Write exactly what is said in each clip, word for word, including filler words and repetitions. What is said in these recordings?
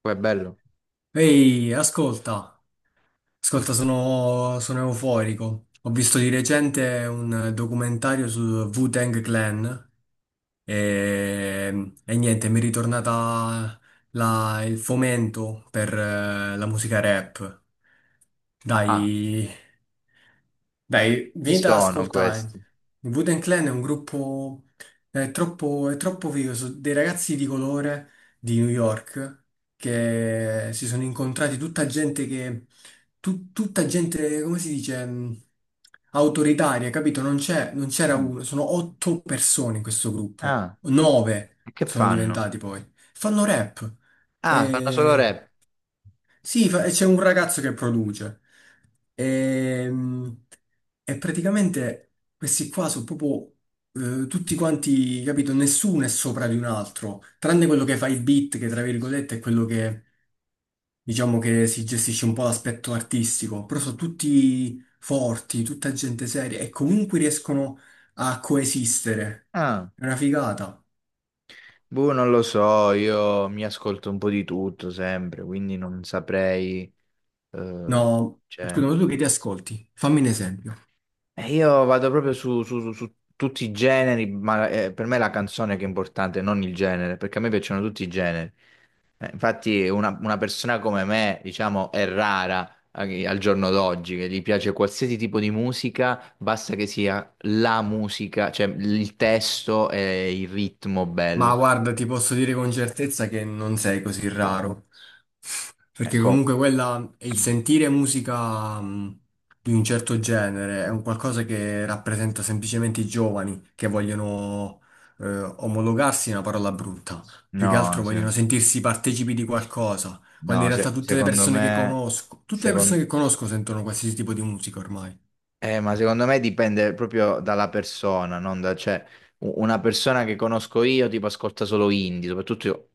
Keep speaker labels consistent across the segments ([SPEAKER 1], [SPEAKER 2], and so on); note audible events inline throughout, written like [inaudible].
[SPEAKER 1] Poi è bello.
[SPEAKER 2] Ehi, ascolta, ascolta, sono, sono euforico. Ho visto di recente un documentario sul Wu-Tang Clan e, e niente, mi è ritornata la- il fomento per eh, la musica rap.
[SPEAKER 1] Ah,
[SPEAKER 2] Dai, dai,
[SPEAKER 1] chi
[SPEAKER 2] venite ad
[SPEAKER 1] sono
[SPEAKER 2] ascoltare.
[SPEAKER 1] questi?
[SPEAKER 2] Il Wu-Tang Clan è un gruppo, è troppo, è troppo figo, sono dei ragazzi di colore di New York che si sono incontrati, tutta gente che, tu- tutta gente, come si dice, mh, autoritaria, capito? Non c'è, non c'era
[SPEAKER 1] Mm.
[SPEAKER 2] uno, sono otto persone in questo gruppo,
[SPEAKER 1] Ah,
[SPEAKER 2] nove
[SPEAKER 1] e che
[SPEAKER 2] sono
[SPEAKER 1] fanno?
[SPEAKER 2] diventati poi. Fanno rap.
[SPEAKER 1] Ah, fanno solo
[SPEAKER 2] E...
[SPEAKER 1] rap.
[SPEAKER 2] Sì, fa- e c'è un ragazzo che produce. E, mh, e praticamente questi qua sono proprio eh, tutti quanti, capito? Nessuno è sopra di un altro, tranne quello che fa il beat, che tra virgolette è quello che, diciamo, che si gestisce un po' l'aspetto artistico, però sono tutti forti, tutta gente seria e comunque riescono a coesistere.
[SPEAKER 1] Ah,
[SPEAKER 2] È una figata.
[SPEAKER 1] boh, non lo so, io mi ascolto un po' di tutto sempre, quindi non saprei... eh,
[SPEAKER 2] No,
[SPEAKER 1] cioè,
[SPEAKER 2] scusa, ma tu che ti ascolti? Fammi un esempio.
[SPEAKER 1] e io vado proprio su, su- su- su tutti i generi, ma eh, per me è la canzone che è importante, non il genere, perché a me piacciono tutti i generi. Eh, Infatti una, una persona come me, diciamo, è rara eh, al giorno d'oggi, che gli piace qualsiasi tipo di musica, basta che sia la musica, cioè il testo e il ritmo
[SPEAKER 2] Ma
[SPEAKER 1] bello.
[SPEAKER 2] guarda, ti posso dire con certezza che non sei così raro. Perché
[SPEAKER 1] Ecco,
[SPEAKER 2] comunque quella è il sentire musica mh, di un certo genere, è un qualcosa che rappresenta semplicemente i giovani che vogliono eh, omologarsi, è una parola brutta, più che altro
[SPEAKER 1] no, se-
[SPEAKER 2] vogliono sentirsi partecipi di qualcosa, quando
[SPEAKER 1] no,
[SPEAKER 2] in realtà
[SPEAKER 1] se-
[SPEAKER 2] tutte le
[SPEAKER 1] secondo
[SPEAKER 2] persone che
[SPEAKER 1] me.
[SPEAKER 2] conosco, tutte le
[SPEAKER 1] secon-
[SPEAKER 2] persone che conosco sentono qualsiasi tipo di musica ormai.
[SPEAKER 1] Eh, ma secondo me dipende proprio dalla persona, non da, cioè, u- una persona che conosco io tipo ascolta solo indie, soprattutto io-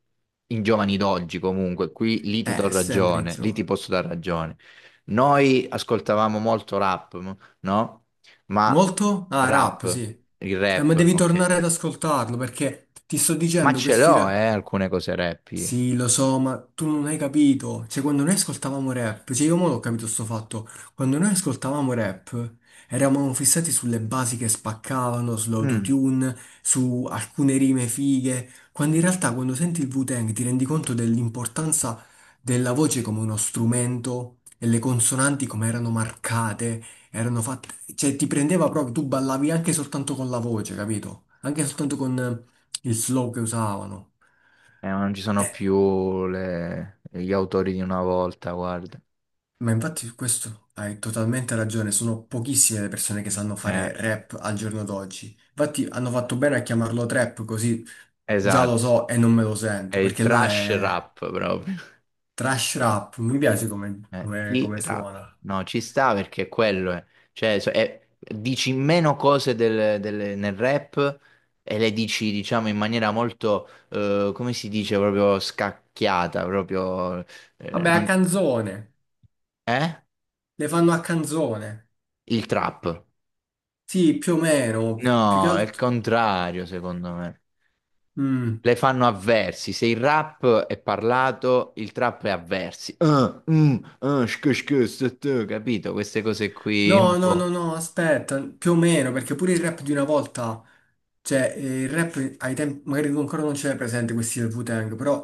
[SPEAKER 1] in giovani d'oggi comunque, qui lì ti do
[SPEAKER 2] Eh, sempre i
[SPEAKER 1] ragione, lì ti
[SPEAKER 2] giovani.
[SPEAKER 1] posso dare ragione. Noi ascoltavamo molto rap, m- no? Ma
[SPEAKER 2] Molto? Ah, rap,
[SPEAKER 1] rap,
[SPEAKER 2] sì.
[SPEAKER 1] il
[SPEAKER 2] Eh, ma
[SPEAKER 1] rap,
[SPEAKER 2] devi
[SPEAKER 1] ok.
[SPEAKER 2] tornare ad ascoltarlo perché ti sto
[SPEAKER 1] Ma
[SPEAKER 2] dicendo
[SPEAKER 1] ce
[SPEAKER 2] questi
[SPEAKER 1] l'ho, eh,
[SPEAKER 2] rap.
[SPEAKER 1] alcune cose rap io.
[SPEAKER 2] Sì, lo so, ma tu non hai capito. Cioè, quando noi ascoltavamo rap, cioè io mo l'ho capito sto fatto. Quando noi ascoltavamo rap, eravamo fissati sulle basi che spaccavano,
[SPEAKER 1] Mm.
[SPEAKER 2] sull'autotune, su alcune rime fighe, quando in realtà quando senti il Wu-Tang ti rendi conto dell'importanza della voce come uno strumento e le consonanti come erano marcate, erano fatte, cioè ti prendeva proprio, tu ballavi anche soltanto con la voce, capito? Anche soltanto con eh, il flow che usavano.
[SPEAKER 1] Eh, ma non ci sono
[SPEAKER 2] Eh,
[SPEAKER 1] più le- gli autori di una volta, guarda.
[SPEAKER 2] Ma infatti su questo hai totalmente ragione, sono pochissime le persone che sanno
[SPEAKER 1] Eh,
[SPEAKER 2] fare rap al giorno d'oggi. Infatti hanno fatto bene a chiamarlo trap, così già lo
[SPEAKER 1] esatto,
[SPEAKER 2] so e non me lo
[SPEAKER 1] è
[SPEAKER 2] sento,
[SPEAKER 1] il
[SPEAKER 2] perché là
[SPEAKER 1] trash
[SPEAKER 2] è
[SPEAKER 1] rap proprio.
[SPEAKER 2] trash rap, mi piace come,
[SPEAKER 1] Eh,
[SPEAKER 2] come- come
[SPEAKER 1] tirato.
[SPEAKER 2] suona.
[SPEAKER 1] No, ci sta perché quello è. Cioè, so- è- dici meno cose del- del- nel rap e le dici, diciamo, in maniera molto, eh, come si dice, proprio scacchiata, proprio... eh,
[SPEAKER 2] Vabbè, a
[SPEAKER 1] non-
[SPEAKER 2] canzone,
[SPEAKER 1] eh?
[SPEAKER 2] le fanno a canzone.
[SPEAKER 1] Il trap.
[SPEAKER 2] Sì, più o meno, più che
[SPEAKER 1] No, è il
[SPEAKER 2] altro.
[SPEAKER 1] contrario, secondo me.
[SPEAKER 2] Mm.
[SPEAKER 1] Le fanno a versi. Se il rap è parlato, il trap è a versi. Ah, mm, ah, shk, shk, st, st, capito? Queste cose qui un
[SPEAKER 2] No, no, no,
[SPEAKER 1] po'.
[SPEAKER 2] no, aspetta, più o meno, perché pure il rap di una volta, cioè eh, il rap ai tempi, magari tu ancora non ce l'hai presente questi del Wu-Tang, però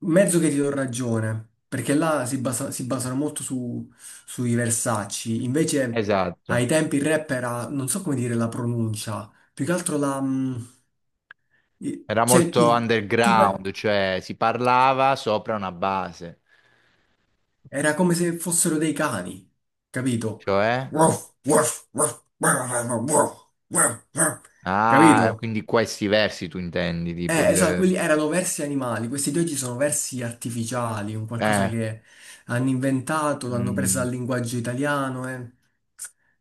[SPEAKER 2] mezzo che ti do ragione, perché là si, basa- si basano molto su, sui versacci, invece
[SPEAKER 1] Esatto.
[SPEAKER 2] ai tempi il rap era, non so come dire la pronuncia, più che altro la... mm, i-
[SPEAKER 1] Era
[SPEAKER 2] cioè,
[SPEAKER 1] molto
[SPEAKER 2] il, tu,
[SPEAKER 1] underground, cioè si parlava sopra una base,
[SPEAKER 2] era come se fossero dei cani, capito?
[SPEAKER 1] cioè...
[SPEAKER 2] Ruff, ruff, ruff, ruff, ruff, ruff, ruff.
[SPEAKER 1] Ah,
[SPEAKER 2] Capito?
[SPEAKER 1] quindi questi versi tu intendi, tipo
[SPEAKER 2] Eh, esatto, quelli
[SPEAKER 1] il...
[SPEAKER 2] erano versi animali, questi di oggi sono versi artificiali, un qualcosa
[SPEAKER 1] Eh,
[SPEAKER 2] che hanno inventato, l'hanno presa
[SPEAKER 1] mm,
[SPEAKER 2] dal linguaggio italiano, eh.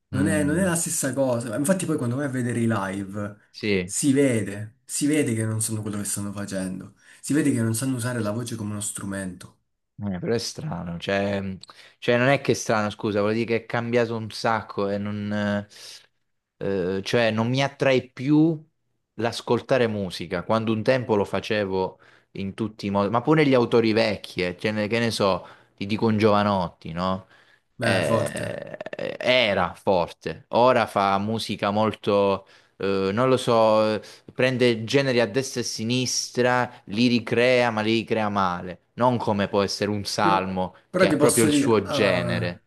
[SPEAKER 2] Non è, non è
[SPEAKER 1] mm,
[SPEAKER 2] la stessa cosa. Infatti poi quando vai a vedere i live
[SPEAKER 1] sì.
[SPEAKER 2] si vede, si vede che non sanno quello che stanno facendo, si vede che non sanno usare la voce come uno strumento.
[SPEAKER 1] Eh, però è strano, cioè, mh, cioè non è che è strano, scusa, vuol dire che è cambiato un sacco e non, eh, eh, cioè, non mi attrae più l'ascoltare musica, quando un tempo lo facevo in tutti i modi, ma pure gli autori vecchi, eh, cioè, ne- che ne so, ti dico un Giovanotti, no?
[SPEAKER 2] Beh, forte.
[SPEAKER 1] Eh, eh, era forte, ora fa musica molto eh, non lo so. Eh, prende generi a destra e a sinistra, li ricrea, ma li ricrea male. Non come può essere un
[SPEAKER 2] Però,
[SPEAKER 1] salmo,
[SPEAKER 2] però
[SPEAKER 1] che è
[SPEAKER 2] ti
[SPEAKER 1] proprio
[SPEAKER 2] posso
[SPEAKER 1] il
[SPEAKER 2] dire,
[SPEAKER 1] suo
[SPEAKER 2] ah,
[SPEAKER 1] genere.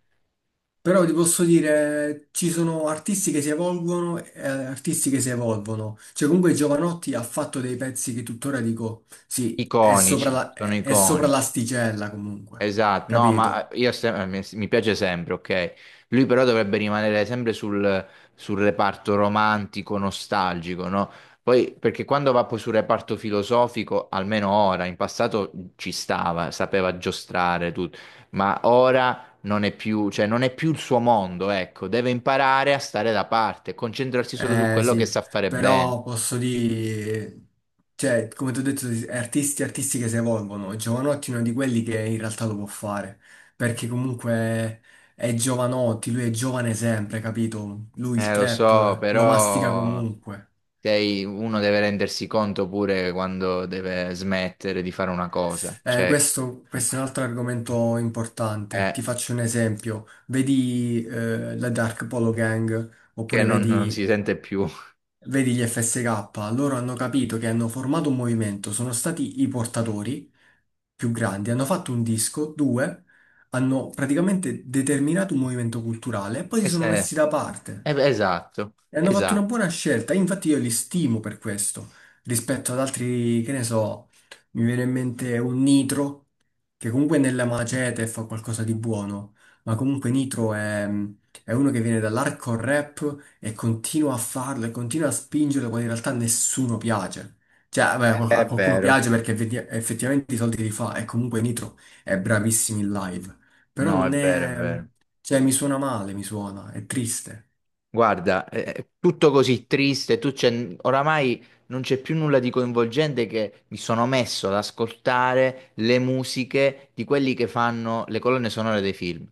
[SPEAKER 2] però ti posso dire, ci sono artisti che si evolvono e eh, artisti che si evolvono. Cioè, comunque Giovanotti ha fatto dei pezzi che tuttora dico, sì, è sopra
[SPEAKER 1] Iconici,
[SPEAKER 2] la-
[SPEAKER 1] sono
[SPEAKER 2] è- è sopra
[SPEAKER 1] iconici.
[SPEAKER 2] l'asticella comunque,
[SPEAKER 1] Esatto, no,
[SPEAKER 2] capito?
[SPEAKER 1] ma eh, io sem- mi mi piace sempre, ok? Lui però dovrebbe rimanere sempre sul, sul reparto romantico, nostalgico, no? Poi, perché quando va poi sul reparto filosofico, almeno ora, in passato ci stava, sapeva giostrare tutto, ma ora non è più, cioè non è più il suo mondo, ecco, deve imparare a stare da parte, concentrarsi solo su
[SPEAKER 2] Eh
[SPEAKER 1] quello che
[SPEAKER 2] sì,
[SPEAKER 1] sa fare bene.
[SPEAKER 2] però posso dire, cioè, come ti ho detto, artisti, artisti che si evolvono. Giovanotti è uno di quelli che in realtà lo può fare, perché comunque è Giovanotti, lui è giovane sempre, capito? Lui il
[SPEAKER 1] Eh, lo so,
[SPEAKER 2] trap lo mastica
[SPEAKER 1] però
[SPEAKER 2] comunque.
[SPEAKER 1] sei- uno deve rendersi conto pure quando deve smettere di fare una cosa,
[SPEAKER 2] Eh,
[SPEAKER 1] cioè
[SPEAKER 2] questo,
[SPEAKER 1] eh,
[SPEAKER 2] questo è un altro argomento importante. Ti
[SPEAKER 1] eh,
[SPEAKER 2] faccio un esempio. Vedi eh, la Dark Polo Gang,
[SPEAKER 1] che
[SPEAKER 2] oppure
[SPEAKER 1] non, non
[SPEAKER 2] vedi,
[SPEAKER 1] si sente più. [laughs]
[SPEAKER 2] vedi gli effe esse kappa, loro hanno capito che hanno formato un movimento, sono stati i portatori più grandi, hanno fatto un disco, due, hanno praticamente determinato un movimento culturale e poi si
[SPEAKER 1] E
[SPEAKER 2] sono
[SPEAKER 1] se-
[SPEAKER 2] messi da parte.
[SPEAKER 1] eh, beh, esatto,
[SPEAKER 2] E hanno fatto una
[SPEAKER 1] esatto.
[SPEAKER 2] buona scelta, infatti io li stimo per questo, rispetto ad altri, che ne so, mi viene in mente un Nitro, che comunque nella macete fa qualcosa di buono, ma comunque Nitro è, è uno che viene dall'hardcore rap e continua a farlo e continua a spingerlo quando in realtà nessuno piace. Cioè, beh,
[SPEAKER 1] Eh, beh,
[SPEAKER 2] qual- a
[SPEAKER 1] è
[SPEAKER 2] qualcuno
[SPEAKER 1] vero.
[SPEAKER 2] piace perché vedi- effettivamente i soldi li fa e comunque Nitro è bravissimo in live, però
[SPEAKER 1] No, è
[SPEAKER 2] non
[SPEAKER 1] vero, è
[SPEAKER 2] è...
[SPEAKER 1] vero.
[SPEAKER 2] cioè mi suona male, mi suona, è triste.
[SPEAKER 1] Guarda, è è tutto così triste, tu c'è, oramai non c'è più nulla di coinvolgente che mi sono messo ad ascoltare le musiche di quelli che fanno le colonne sonore dei film.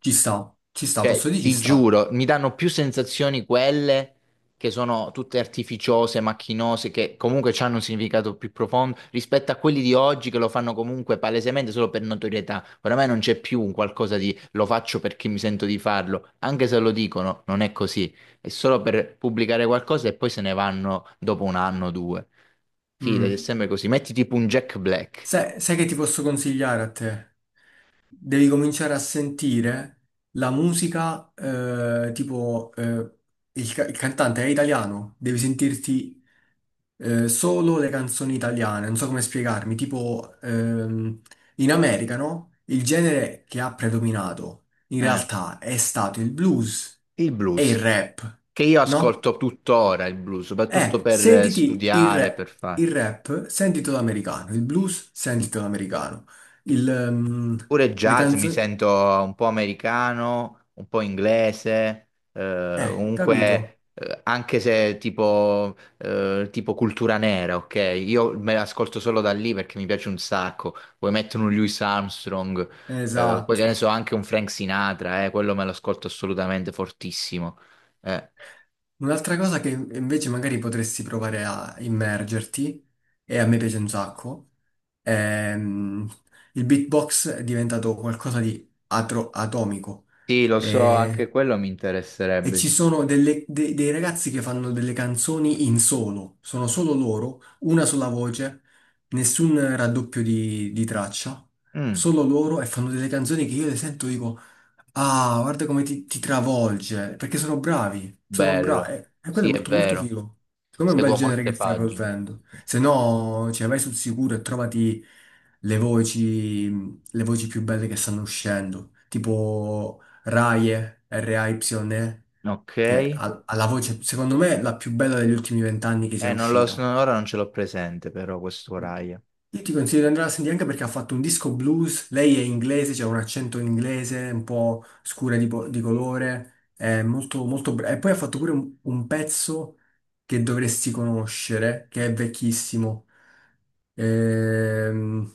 [SPEAKER 2] Ci sta, ci sta, posso
[SPEAKER 1] Cioè,
[SPEAKER 2] dire ci
[SPEAKER 1] ti
[SPEAKER 2] sta.
[SPEAKER 1] giuro, mi danno più sensazioni quelle che sono tutte artificiose, macchinose, che comunque hanno un significato più profondo rispetto a quelli di oggi che lo fanno comunque palesemente solo per notorietà. Oramai non c'è più un qualcosa di lo faccio perché mi sento di farlo, anche se lo dicono, non è così. È solo per pubblicare qualcosa e poi se ne vanno dopo un anno o due. Fidati, è
[SPEAKER 2] Mm.
[SPEAKER 1] sempre così. Metti tipo un Jack Black,
[SPEAKER 2] Sai, sai che ti posso consigliare a te? Devi cominciare a sentire la musica, eh, tipo, eh, il, ca- il cantante è italiano, devi sentirti eh, solo le canzoni italiane, non so come spiegarmi, tipo, ehm, in America, no? Il genere che ha predominato in
[SPEAKER 1] eh,
[SPEAKER 2] realtà è stato il blues
[SPEAKER 1] il
[SPEAKER 2] e il
[SPEAKER 1] blues.
[SPEAKER 2] rap,
[SPEAKER 1] Che io
[SPEAKER 2] no?
[SPEAKER 1] ascolto tuttora il blues, soprattutto
[SPEAKER 2] Eh,
[SPEAKER 1] per eh,
[SPEAKER 2] sentiti il
[SPEAKER 1] studiare,
[SPEAKER 2] rap,
[SPEAKER 1] per fare.
[SPEAKER 2] il rap, sentitelo americano, il blues, sentitelo americano, il, ehm,
[SPEAKER 1] Pure
[SPEAKER 2] le
[SPEAKER 1] jazz mi
[SPEAKER 2] canzoni...
[SPEAKER 1] sento un po' americano, un po' inglese, eh,
[SPEAKER 2] Eh, capito?
[SPEAKER 1] comunque eh, anche se tipo, eh, tipo cultura nera, ok? Io me l'ascolto solo da lì perché mi piace un sacco. Poi mettono un Louis Armstrong, eh, poi che ne
[SPEAKER 2] Esatto.
[SPEAKER 1] so, anche un Frank Sinatra, eh, quello me lo ascolto assolutamente fortissimo. Eh,
[SPEAKER 2] Un'altra cosa che invece magari potresti provare a immergerti, e a me piace un sacco, ehm, il beatbox è diventato qualcosa di atro- atomico.
[SPEAKER 1] Sì, lo so, anche
[SPEAKER 2] E
[SPEAKER 1] quello mi
[SPEAKER 2] e
[SPEAKER 1] interesserebbe.
[SPEAKER 2] ci sono delle- de- dei ragazzi che fanno delle canzoni in solo, sono solo loro, una sola voce, nessun raddoppio di, di traccia,
[SPEAKER 1] Mm.
[SPEAKER 2] solo loro e fanno delle canzoni che io le sento e dico. Ah, guarda come ti, ti travolge, perché sono bravi, sono
[SPEAKER 1] Bello,
[SPEAKER 2] bravi, e quello è
[SPEAKER 1] sì, è
[SPEAKER 2] molto molto
[SPEAKER 1] vero,
[SPEAKER 2] figo. Secondo me è un bel
[SPEAKER 1] seguo
[SPEAKER 2] genere
[SPEAKER 1] molte
[SPEAKER 2] che stai
[SPEAKER 1] pagine.
[SPEAKER 2] approfondendo. Se no, cioè, vai sul sicuro e trovati le voci, le voci più belle che stanno uscendo, tipo Raye, R A Y E,
[SPEAKER 1] Ok,
[SPEAKER 2] che
[SPEAKER 1] eh,
[SPEAKER 2] ha, ha la voce, secondo me, la più bella degli ultimi vent'anni che sia
[SPEAKER 1] non lo so,
[SPEAKER 2] uscita.
[SPEAKER 1] ora non ce l'ho presente però questo Raya.
[SPEAKER 2] Io ti consiglio di andare a sentire anche perché ha fatto un disco blues, lei è inglese, c'è un accento inglese un po' scura di, po- di colore, è molto, molto brava. E poi ha fatto pure un, un pezzo che dovresti conoscere, che è vecchissimo. Ehm...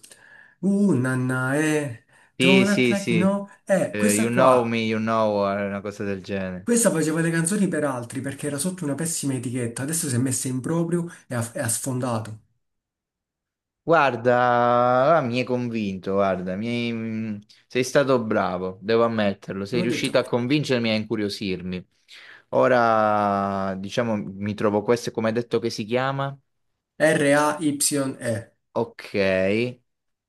[SPEAKER 2] Uh, nanna, eh,
[SPEAKER 1] Sì,
[SPEAKER 2] don't act
[SPEAKER 1] sì,
[SPEAKER 2] like you
[SPEAKER 1] sì.
[SPEAKER 2] know. Eh,
[SPEAKER 1] Eh, You
[SPEAKER 2] questa
[SPEAKER 1] Know
[SPEAKER 2] qua,
[SPEAKER 1] Me, You Know, eh, una cosa del genere.
[SPEAKER 2] questa faceva le canzoni per altri perché era sotto una pessima etichetta, adesso si è messa in proprio e ha, e ha sfondato.
[SPEAKER 1] Guarda, ah, mi hai convinto, guarda, mi hai- mm, sei stato bravo, devo ammetterlo, sei
[SPEAKER 2] L'ho
[SPEAKER 1] riuscito
[SPEAKER 2] detto,
[SPEAKER 1] a convincermi e a incuriosirmi. Ora, diciamo, mi trovo questo, come hai detto che si chiama?
[SPEAKER 2] R A Y E.
[SPEAKER 1] Ok,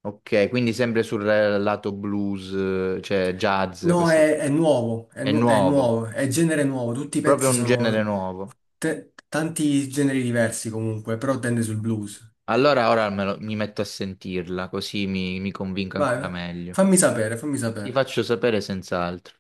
[SPEAKER 1] ok, quindi sempre sul eh, lato blues, eh, cioè jazz,
[SPEAKER 2] No,
[SPEAKER 1] queste-
[SPEAKER 2] è, è nuovo, è,
[SPEAKER 1] è
[SPEAKER 2] nu- è
[SPEAKER 1] nuovo,
[SPEAKER 2] nuovo, è genere nuovo, tutti i
[SPEAKER 1] proprio
[SPEAKER 2] pezzi
[SPEAKER 1] un genere
[SPEAKER 2] sono
[SPEAKER 1] nuovo.
[SPEAKER 2] te- tanti generi diversi comunque, però tende sul blues.
[SPEAKER 1] Allora ora me lo- mi metto a sentirla, così mi, mi convinco
[SPEAKER 2] Vai,
[SPEAKER 1] ancora
[SPEAKER 2] vai,
[SPEAKER 1] meglio.
[SPEAKER 2] fammi sapere, fammi
[SPEAKER 1] Ti
[SPEAKER 2] sapere.
[SPEAKER 1] faccio sapere senz'altro.